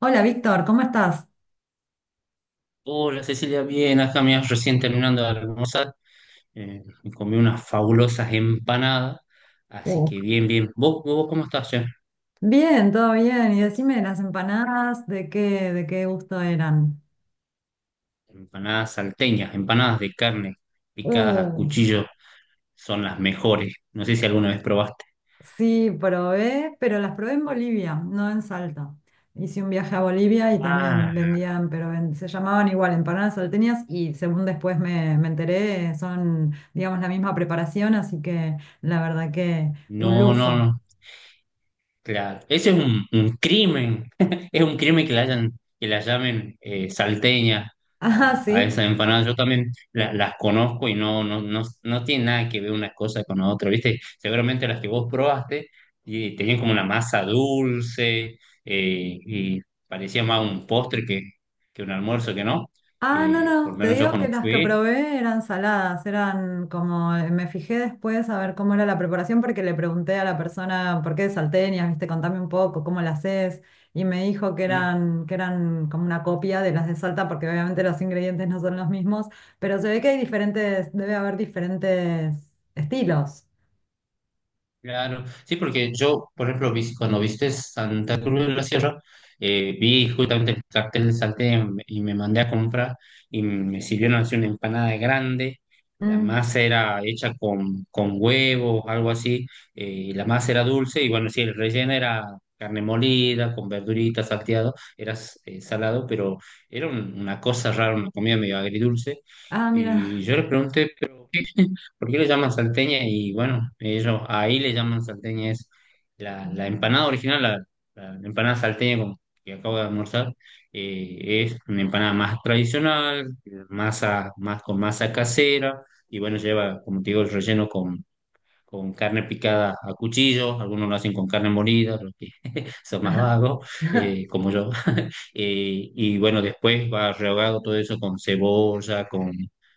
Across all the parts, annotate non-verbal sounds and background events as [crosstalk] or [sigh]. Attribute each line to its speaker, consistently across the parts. Speaker 1: Hola Víctor, ¿cómo estás?
Speaker 2: Hola Cecilia, bien, acá me recién terminando de almorzar, me comí unas fabulosas empanadas, así
Speaker 1: Oh,
Speaker 2: que bien, bien. ¿Vos cómo estás, che?
Speaker 1: bien, todo bien. Y decime las empanadas, ¿de qué gusto eran?
Speaker 2: Empanadas salteñas, empanadas de carne picadas a
Speaker 1: Oh,
Speaker 2: cuchillo son las mejores. No sé si alguna vez probaste.
Speaker 1: sí, probé, pero las probé en Bolivia, no en Salta. Hice un viaje a Bolivia y
Speaker 2: Ah,
Speaker 1: también vendían, pero se llamaban igual empanadas salteñas y según después me enteré, son, digamos, la misma preparación, así que la verdad que un
Speaker 2: no, no,
Speaker 1: lujo.
Speaker 2: no. Claro, ese es un crimen, [laughs] es un crimen que la hayan, que la llamen salteña
Speaker 1: [laughs] Ah,
Speaker 2: a
Speaker 1: sí.
Speaker 2: esa empanada. Yo también las conozco y no, no, no, no tiene nada que ver una cosa con la otra, ¿viste? Seguramente las que vos probaste y tenían como una masa dulce y parecía más un postre que un almuerzo que no.
Speaker 1: Ah, no,
Speaker 2: Por
Speaker 1: no,
Speaker 2: lo
Speaker 1: te
Speaker 2: menos yo
Speaker 1: digo que
Speaker 2: cuando
Speaker 1: las que
Speaker 2: fui.
Speaker 1: probé eran saladas, eran como, me fijé después a ver cómo era la preparación porque le pregunté a la persona, ¿por qué de salteñas? Viste, contame un poco, ¿cómo las haces? Y me dijo que eran como una copia de las de Salta porque obviamente los ingredientes no son los mismos, pero se ve que hay diferentes, debe haber diferentes estilos.
Speaker 2: Claro, sí, porque yo, por ejemplo, vi cuando viste Santa Cruz de la Sierra, vi justamente el cartel de Salté y me mandé a comprar y me sirvieron así una empanada grande. La
Speaker 1: Mm.
Speaker 2: masa era hecha con huevos, algo así, y la masa era dulce y bueno, sí, el relleno era carne molida, con verduritas, salteado, era salado, pero era una cosa rara, una comida medio agridulce.
Speaker 1: Ah,
Speaker 2: Y
Speaker 1: mira.
Speaker 2: yo le pregunté, ¿por qué le llaman salteña? Y bueno, ellos ahí le llaman salteña, es la empanada original, la empanada salteña que acabo de almorzar, es una empanada más tradicional, masa, más con masa casera, y bueno, lleva, como te digo, el relleno con carne picada a cuchillo, algunos lo hacen con carne molida, los que [laughs] son más
Speaker 1: Ah.
Speaker 2: vagos,
Speaker 1: [laughs]
Speaker 2: como yo. [laughs] Y bueno, después va rehogado todo eso con cebolla,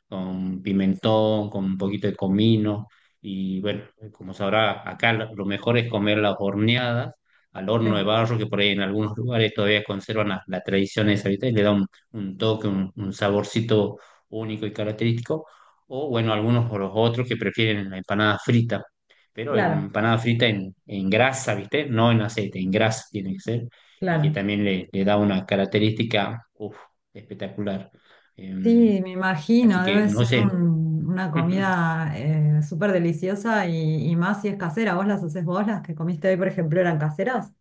Speaker 2: con pimentón, con un poquito de comino. Y bueno, como sabrá, acá lo mejor es comer las horneadas al horno de
Speaker 1: Sí,
Speaker 2: barro, que por ahí en algunos lugares todavía conservan la tradición esa, ¿viste? Y le da un toque, un saborcito único y característico, o bueno, algunos o los otros que prefieren la empanada frita, pero
Speaker 1: claro,
Speaker 2: empanada frita en grasa, ¿viste? No en aceite, en grasa tiene que ser, y que
Speaker 1: claro.
Speaker 2: también le da una característica uf, espectacular. Em,
Speaker 1: Sí, me
Speaker 2: Así
Speaker 1: imagino,
Speaker 2: que
Speaker 1: debe
Speaker 2: no
Speaker 1: ser
Speaker 2: sé.
Speaker 1: una
Speaker 2: [laughs]
Speaker 1: comida súper deliciosa y más si es casera. ¿Vos las haces vos? Las que comiste hoy, por ejemplo, eran caseras.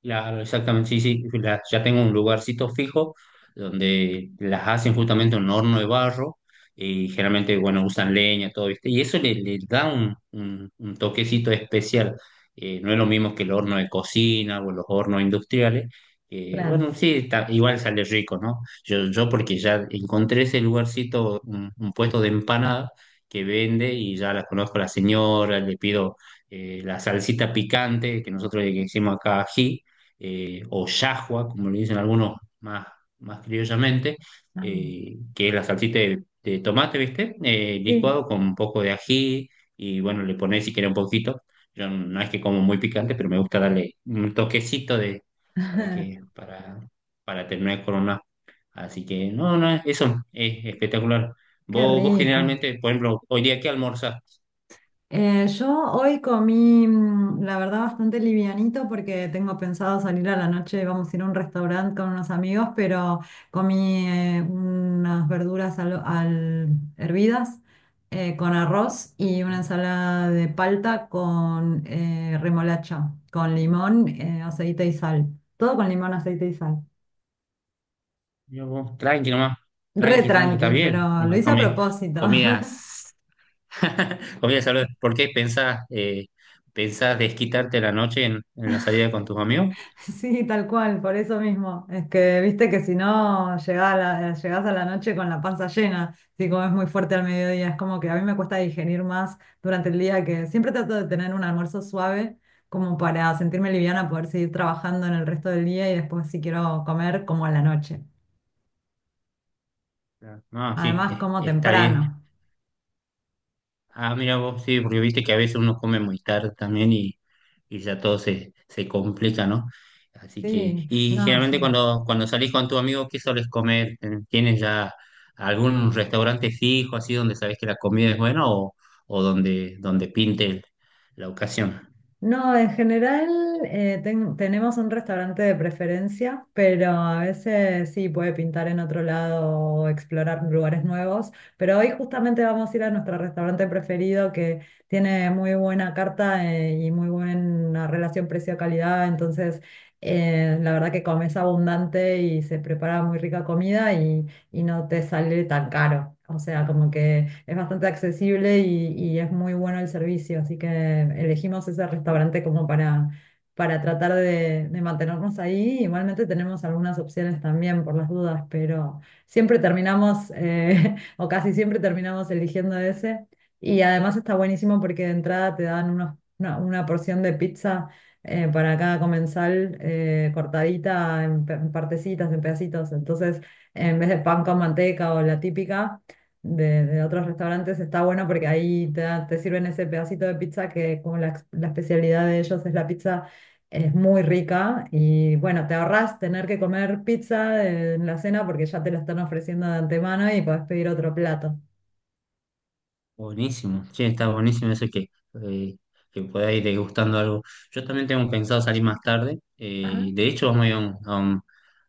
Speaker 2: Claro, exactamente, sí, sí, ya tengo un lugarcito fijo donde las hacen justamente en un horno de barro y generalmente, bueno, usan leña, todo, ¿viste? Y eso le da un, un toquecito especial. No es lo mismo que el horno de cocina o los hornos industriales, que,
Speaker 1: Claro.
Speaker 2: bueno, sí, igual sale rico, ¿no? Yo porque ya encontré ese lugarcito, un puesto de empanada que vende y ya la conozco a la señora, le pido la salsita picante que nosotros le decimos acá ají, o yahua, como le dicen más criollamente,
Speaker 1: Ah,
Speaker 2: que es la salsita de tomate, ¿viste?
Speaker 1: sí,
Speaker 2: Licuado con un poco de ají y bueno, le pones si quieres un poquito. Yo no es que como muy picante, pero me gusta darle un toquecito para que,
Speaker 1: [laughs]
Speaker 2: para, para terminar con una. Así que no, no, eso es espectacular.
Speaker 1: qué
Speaker 2: Vos
Speaker 1: rico.
Speaker 2: generalmente, por ejemplo, hoy día, ¿qué almorzás?
Speaker 1: Yo hoy comí, mm, la verdad, bastante livianito porque tengo pensado salir a la noche, vamos a ir a un restaurante con unos amigos, pero comí unas verduras hervidas con arroz y una ensalada de palta con remolacha, con limón, aceite y sal. Todo con limón, aceite y sal.
Speaker 2: Yo, vos, tranqui nomás,
Speaker 1: Re
Speaker 2: tranqui, tranqui, está
Speaker 1: tranqui,
Speaker 2: bien.
Speaker 1: pero
Speaker 2: No
Speaker 1: lo
Speaker 2: me
Speaker 1: hice a
Speaker 2: comí
Speaker 1: propósito. [laughs]
Speaker 2: comidas. [laughs] Comidas saludables. ¿Por qué pensás, pensás desquitarte la noche en la salida con tus amigos?
Speaker 1: [laughs] Sí, tal cual, por eso mismo. Es que viste que si no llegás a llegás a la noche con la panza llena, si comes muy fuerte al mediodía, es como que a mí me cuesta digerir más durante el día, que siempre trato de tener un almuerzo suave como para sentirme liviana, poder seguir trabajando en el resto del día y después si quiero comer como a la noche.
Speaker 2: Claro. No, sí,
Speaker 1: Además, como
Speaker 2: está bien.
Speaker 1: temprano.
Speaker 2: Ah, mira vos, sí, porque viste que a veces uno come muy tarde también y ya todo se complica, ¿no? Así
Speaker 1: Sí,
Speaker 2: que, y
Speaker 1: no,
Speaker 2: generalmente
Speaker 1: sí.
Speaker 2: cuando salís con tu amigo, ¿qué solés comer? ¿Tienes ya algún restaurante fijo así donde sabés que la comida es buena o donde pinte la ocasión?
Speaker 1: No, en general tenemos un restaurante de preferencia, pero a veces sí puede pintar en otro lado o explorar lugares nuevos. Pero hoy justamente vamos a ir a nuestro restaurante preferido que tiene muy buena carta y muy buena relación precio-calidad. Entonces, la verdad que comes abundante y se prepara muy rica comida y no te sale tan caro. O sea, como que es bastante accesible y es muy bueno el servicio. Así que elegimos ese restaurante como para tratar de mantenernos ahí. Igualmente tenemos algunas opciones también por las dudas, pero siempre terminamos, [laughs] o casi siempre terminamos eligiendo ese. Y además está buenísimo porque de entrada te dan una porción de pizza para cada comensal cortadita en, en partecitas, en pedacitos. Entonces en vez de pan con manteca o la típica de otros restaurantes, está bueno porque ahí te sirven ese pedacito de pizza que como la especialidad de ellos es la pizza, es muy rica y bueno, te ahorras tener que comer pizza en la cena porque ya te la están ofreciendo de antemano y podés pedir otro plato.
Speaker 2: Buenísimo, sí, está buenísimo eso eh, que pueda ir degustando algo. Yo también tengo pensado salir más tarde.
Speaker 1: Ajá,
Speaker 2: De hecho, vamos a ir a un, a un-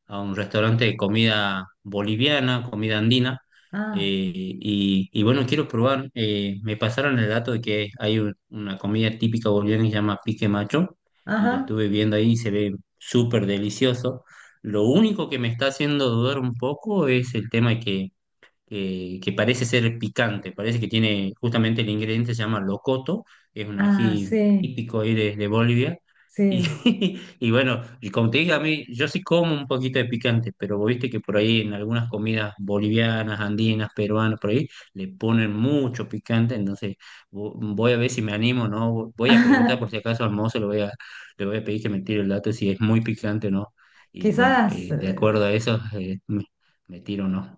Speaker 2: a un restaurante de comida boliviana, comida andina.
Speaker 1: ah,
Speaker 2: Y bueno, quiero probar. Me pasaron el dato de que hay una comida típica boliviana que se llama pique macho. Y la
Speaker 1: ajá,
Speaker 2: estuve viendo ahí y se ve súper delicioso. Lo único que me está haciendo dudar un poco es el tema de que parece ser picante, parece que tiene justamente el ingrediente, se llama locoto, es un
Speaker 1: ah,
Speaker 2: ají
Speaker 1: sí,
Speaker 2: típico ahí de Bolivia. Y
Speaker 1: sí.
Speaker 2: [laughs] y bueno, y como te dije, a mí yo sí como un poquito de picante, pero vos viste que por ahí en algunas comidas bolivianas, andinas, peruanas, por ahí le ponen mucho picante, entonces voy a ver si me animo, ¿no? Voy a preguntar por si
Speaker 1: [laughs]
Speaker 2: acaso al mozo, le voy a pedir que me tire el dato si es muy picante o no. Y bueno,
Speaker 1: Quizás
Speaker 2: de acuerdo a eso, me tiro o no.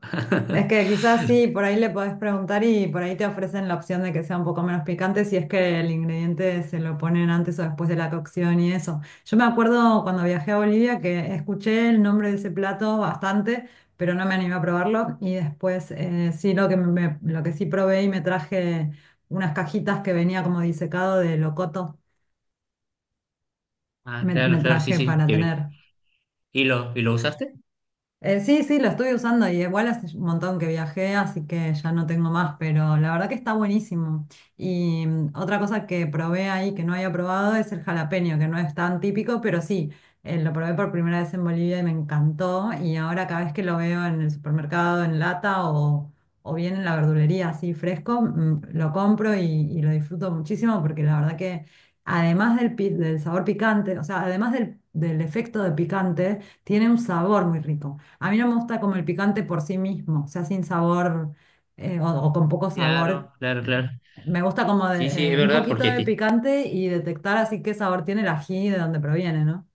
Speaker 1: Es
Speaker 2: [laughs]
Speaker 1: que quizás sí, por ahí le podés preguntar y por ahí te ofrecen la opción de que sea un poco menos picante si es que el ingrediente se lo ponen antes o después de la cocción y eso. Yo me acuerdo cuando viajé a Bolivia que escuché el nombre de ese plato bastante, pero no me animé a probarlo y después sí lo que lo que sí probé y me traje unas cajitas que venía como disecado de locoto,
Speaker 2: Ah, claro,
Speaker 1: me
Speaker 2: claro, sí,
Speaker 1: traje
Speaker 2: sí,
Speaker 1: para
Speaker 2: que vi.
Speaker 1: tener.
Speaker 2: ¿Y lo usaste?
Speaker 1: Sí, sí, lo estoy usando y igual hace un montón que viajé, así que ya no tengo más, pero la verdad que está buenísimo. Y mm, otra cosa que probé ahí que no había probado es el jalapeño, que no es tan típico, pero sí, lo probé por primera vez en Bolivia y me encantó. Y ahora cada vez que lo veo en el supermercado, en lata o bien en la verdulería así fresco, mm, lo compro y lo disfruto muchísimo porque la verdad que además del sabor picante, o sea, además del efecto de picante, tiene un sabor muy rico. A mí no me gusta como el picante por sí mismo, o sea, sin sabor o con poco sabor.
Speaker 2: Claro, claro, claro.
Speaker 1: Me gusta como
Speaker 2: Sí, sí, es
Speaker 1: un
Speaker 2: verdad,
Speaker 1: poquito
Speaker 2: porque
Speaker 1: de picante y detectar así qué sabor tiene el ají y de dónde proviene, ¿no?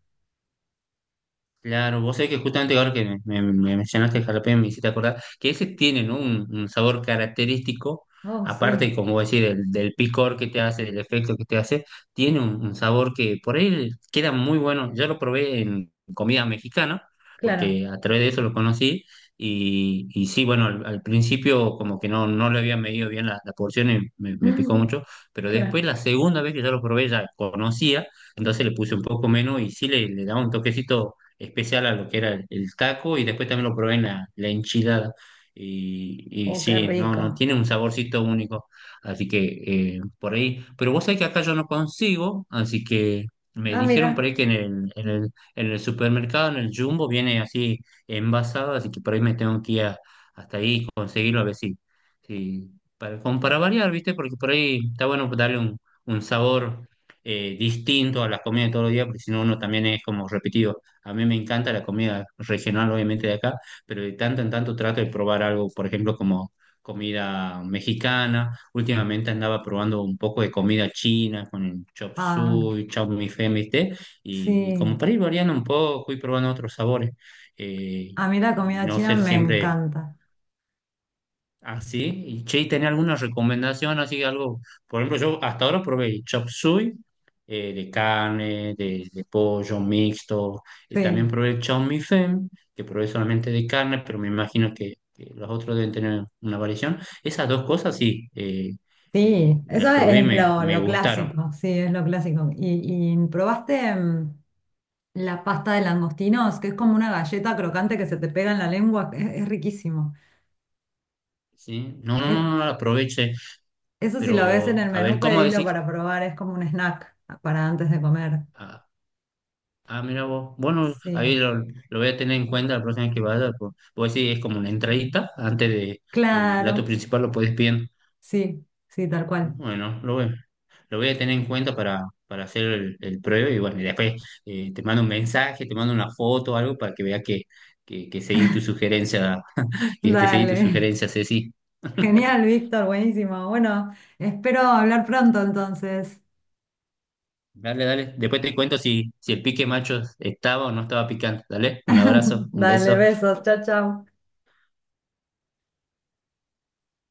Speaker 2: claro, vos sabés que justamente ahora que me mencionaste el jalapeño, me hiciste acordar que ese tiene, ¿no?, un sabor característico,
Speaker 1: Oh, sí,
Speaker 2: aparte, como vos decís, del picor que te hace, del efecto que te hace, tiene un sabor que por ahí queda muy bueno. Yo lo probé en comida mexicana,
Speaker 1: claro.
Speaker 2: porque a través de eso lo conocí, y sí, bueno, al principio como que no, no le había medido bien la porción y me picó
Speaker 1: [laughs]
Speaker 2: mucho, pero
Speaker 1: Claro.
Speaker 2: después la segunda vez que yo lo probé ya conocía, entonces le puse un poco menos y sí le daba un toquecito especial a lo que era el taco y después también lo probé en la enchilada. Y
Speaker 1: Oh, qué
Speaker 2: sí, no, no,
Speaker 1: rico.
Speaker 2: tiene un saborcito único. Así que por ahí, pero vos sabés que acá yo no consigo, así que me
Speaker 1: Ah,
Speaker 2: dijeron por
Speaker 1: mira.
Speaker 2: ahí que en el supermercado, en el Jumbo, viene así envasado, así que por ahí me tengo que ir hasta ahí y conseguirlo a ver si, sí, para, como para variar, ¿viste? Porque por ahí está bueno darle un sabor distinto a las comidas de todos los días, porque si no uno también es como repetido. A mí me encanta la comida regional, obviamente de acá, pero de tanto en tanto trato de probar algo, por ejemplo, como comida mexicana. Últimamente andaba probando un poco de comida china con el chop
Speaker 1: Ah,
Speaker 2: suey, chow meinfen, ¿viste? Y
Speaker 1: sí.
Speaker 2: como para ir variando un poco, ir probando otros sabores. Eh,
Speaker 1: A mí la
Speaker 2: y
Speaker 1: comida
Speaker 2: no
Speaker 1: china
Speaker 2: ser
Speaker 1: me
Speaker 2: siempre.
Speaker 1: encanta.
Speaker 2: Ah, sí. Y che, ¿tenés alguna recomendación? Así algo, por ejemplo, yo hasta ahora probé chop suey de carne, de pollo mixto, y
Speaker 1: Sí.
Speaker 2: también probé el chow mein fen, que probé solamente de carne, pero me imagino que los otros deben tener una variación. Esas dos cosas sí,
Speaker 1: Sí, eso
Speaker 2: las probé y
Speaker 1: es
Speaker 2: me
Speaker 1: lo
Speaker 2: gustaron.
Speaker 1: clásico, sí, es lo clásico. Y probaste? Mm, la pasta de langostinos, que es como una galleta crocante que se te pega en la lengua, es riquísimo.
Speaker 2: ¿Sí? No, no, no,
Speaker 1: Eh,
Speaker 2: no las aproveché,
Speaker 1: eso si lo ves en
Speaker 2: pero
Speaker 1: el
Speaker 2: a ver,
Speaker 1: menú,
Speaker 2: ¿cómo
Speaker 1: pedilo
Speaker 2: decís?
Speaker 1: para probar, es como un snack para antes de comer.
Speaker 2: Ah. Ah, mira vos. Bueno,
Speaker 1: Sí,
Speaker 2: ahí lo voy a tener en cuenta la próxima vez que vaya. Pues, vos decís, es como una entradita antes de, del plato
Speaker 1: claro,
Speaker 2: principal, lo puedes pedir.
Speaker 1: sí, sí, tal cual.
Speaker 2: Bueno, lo voy a tener en cuenta para hacer el pruebe. Y bueno, y después te mando un mensaje, te mando una foto o algo para que veas que seguí tu sugerencia, [laughs] que te seguí tu
Speaker 1: Dale,
Speaker 2: sugerencia, Ceci.
Speaker 1: [laughs]
Speaker 2: [laughs]
Speaker 1: genial, Víctor, buenísimo. Bueno, espero hablar pronto entonces.
Speaker 2: Dale, dale. Después te cuento si, si el pique macho estaba o no estaba picante. Dale, un abrazo,
Speaker 1: [laughs]
Speaker 2: un
Speaker 1: Dale,
Speaker 2: beso.
Speaker 1: besos, chao, chao.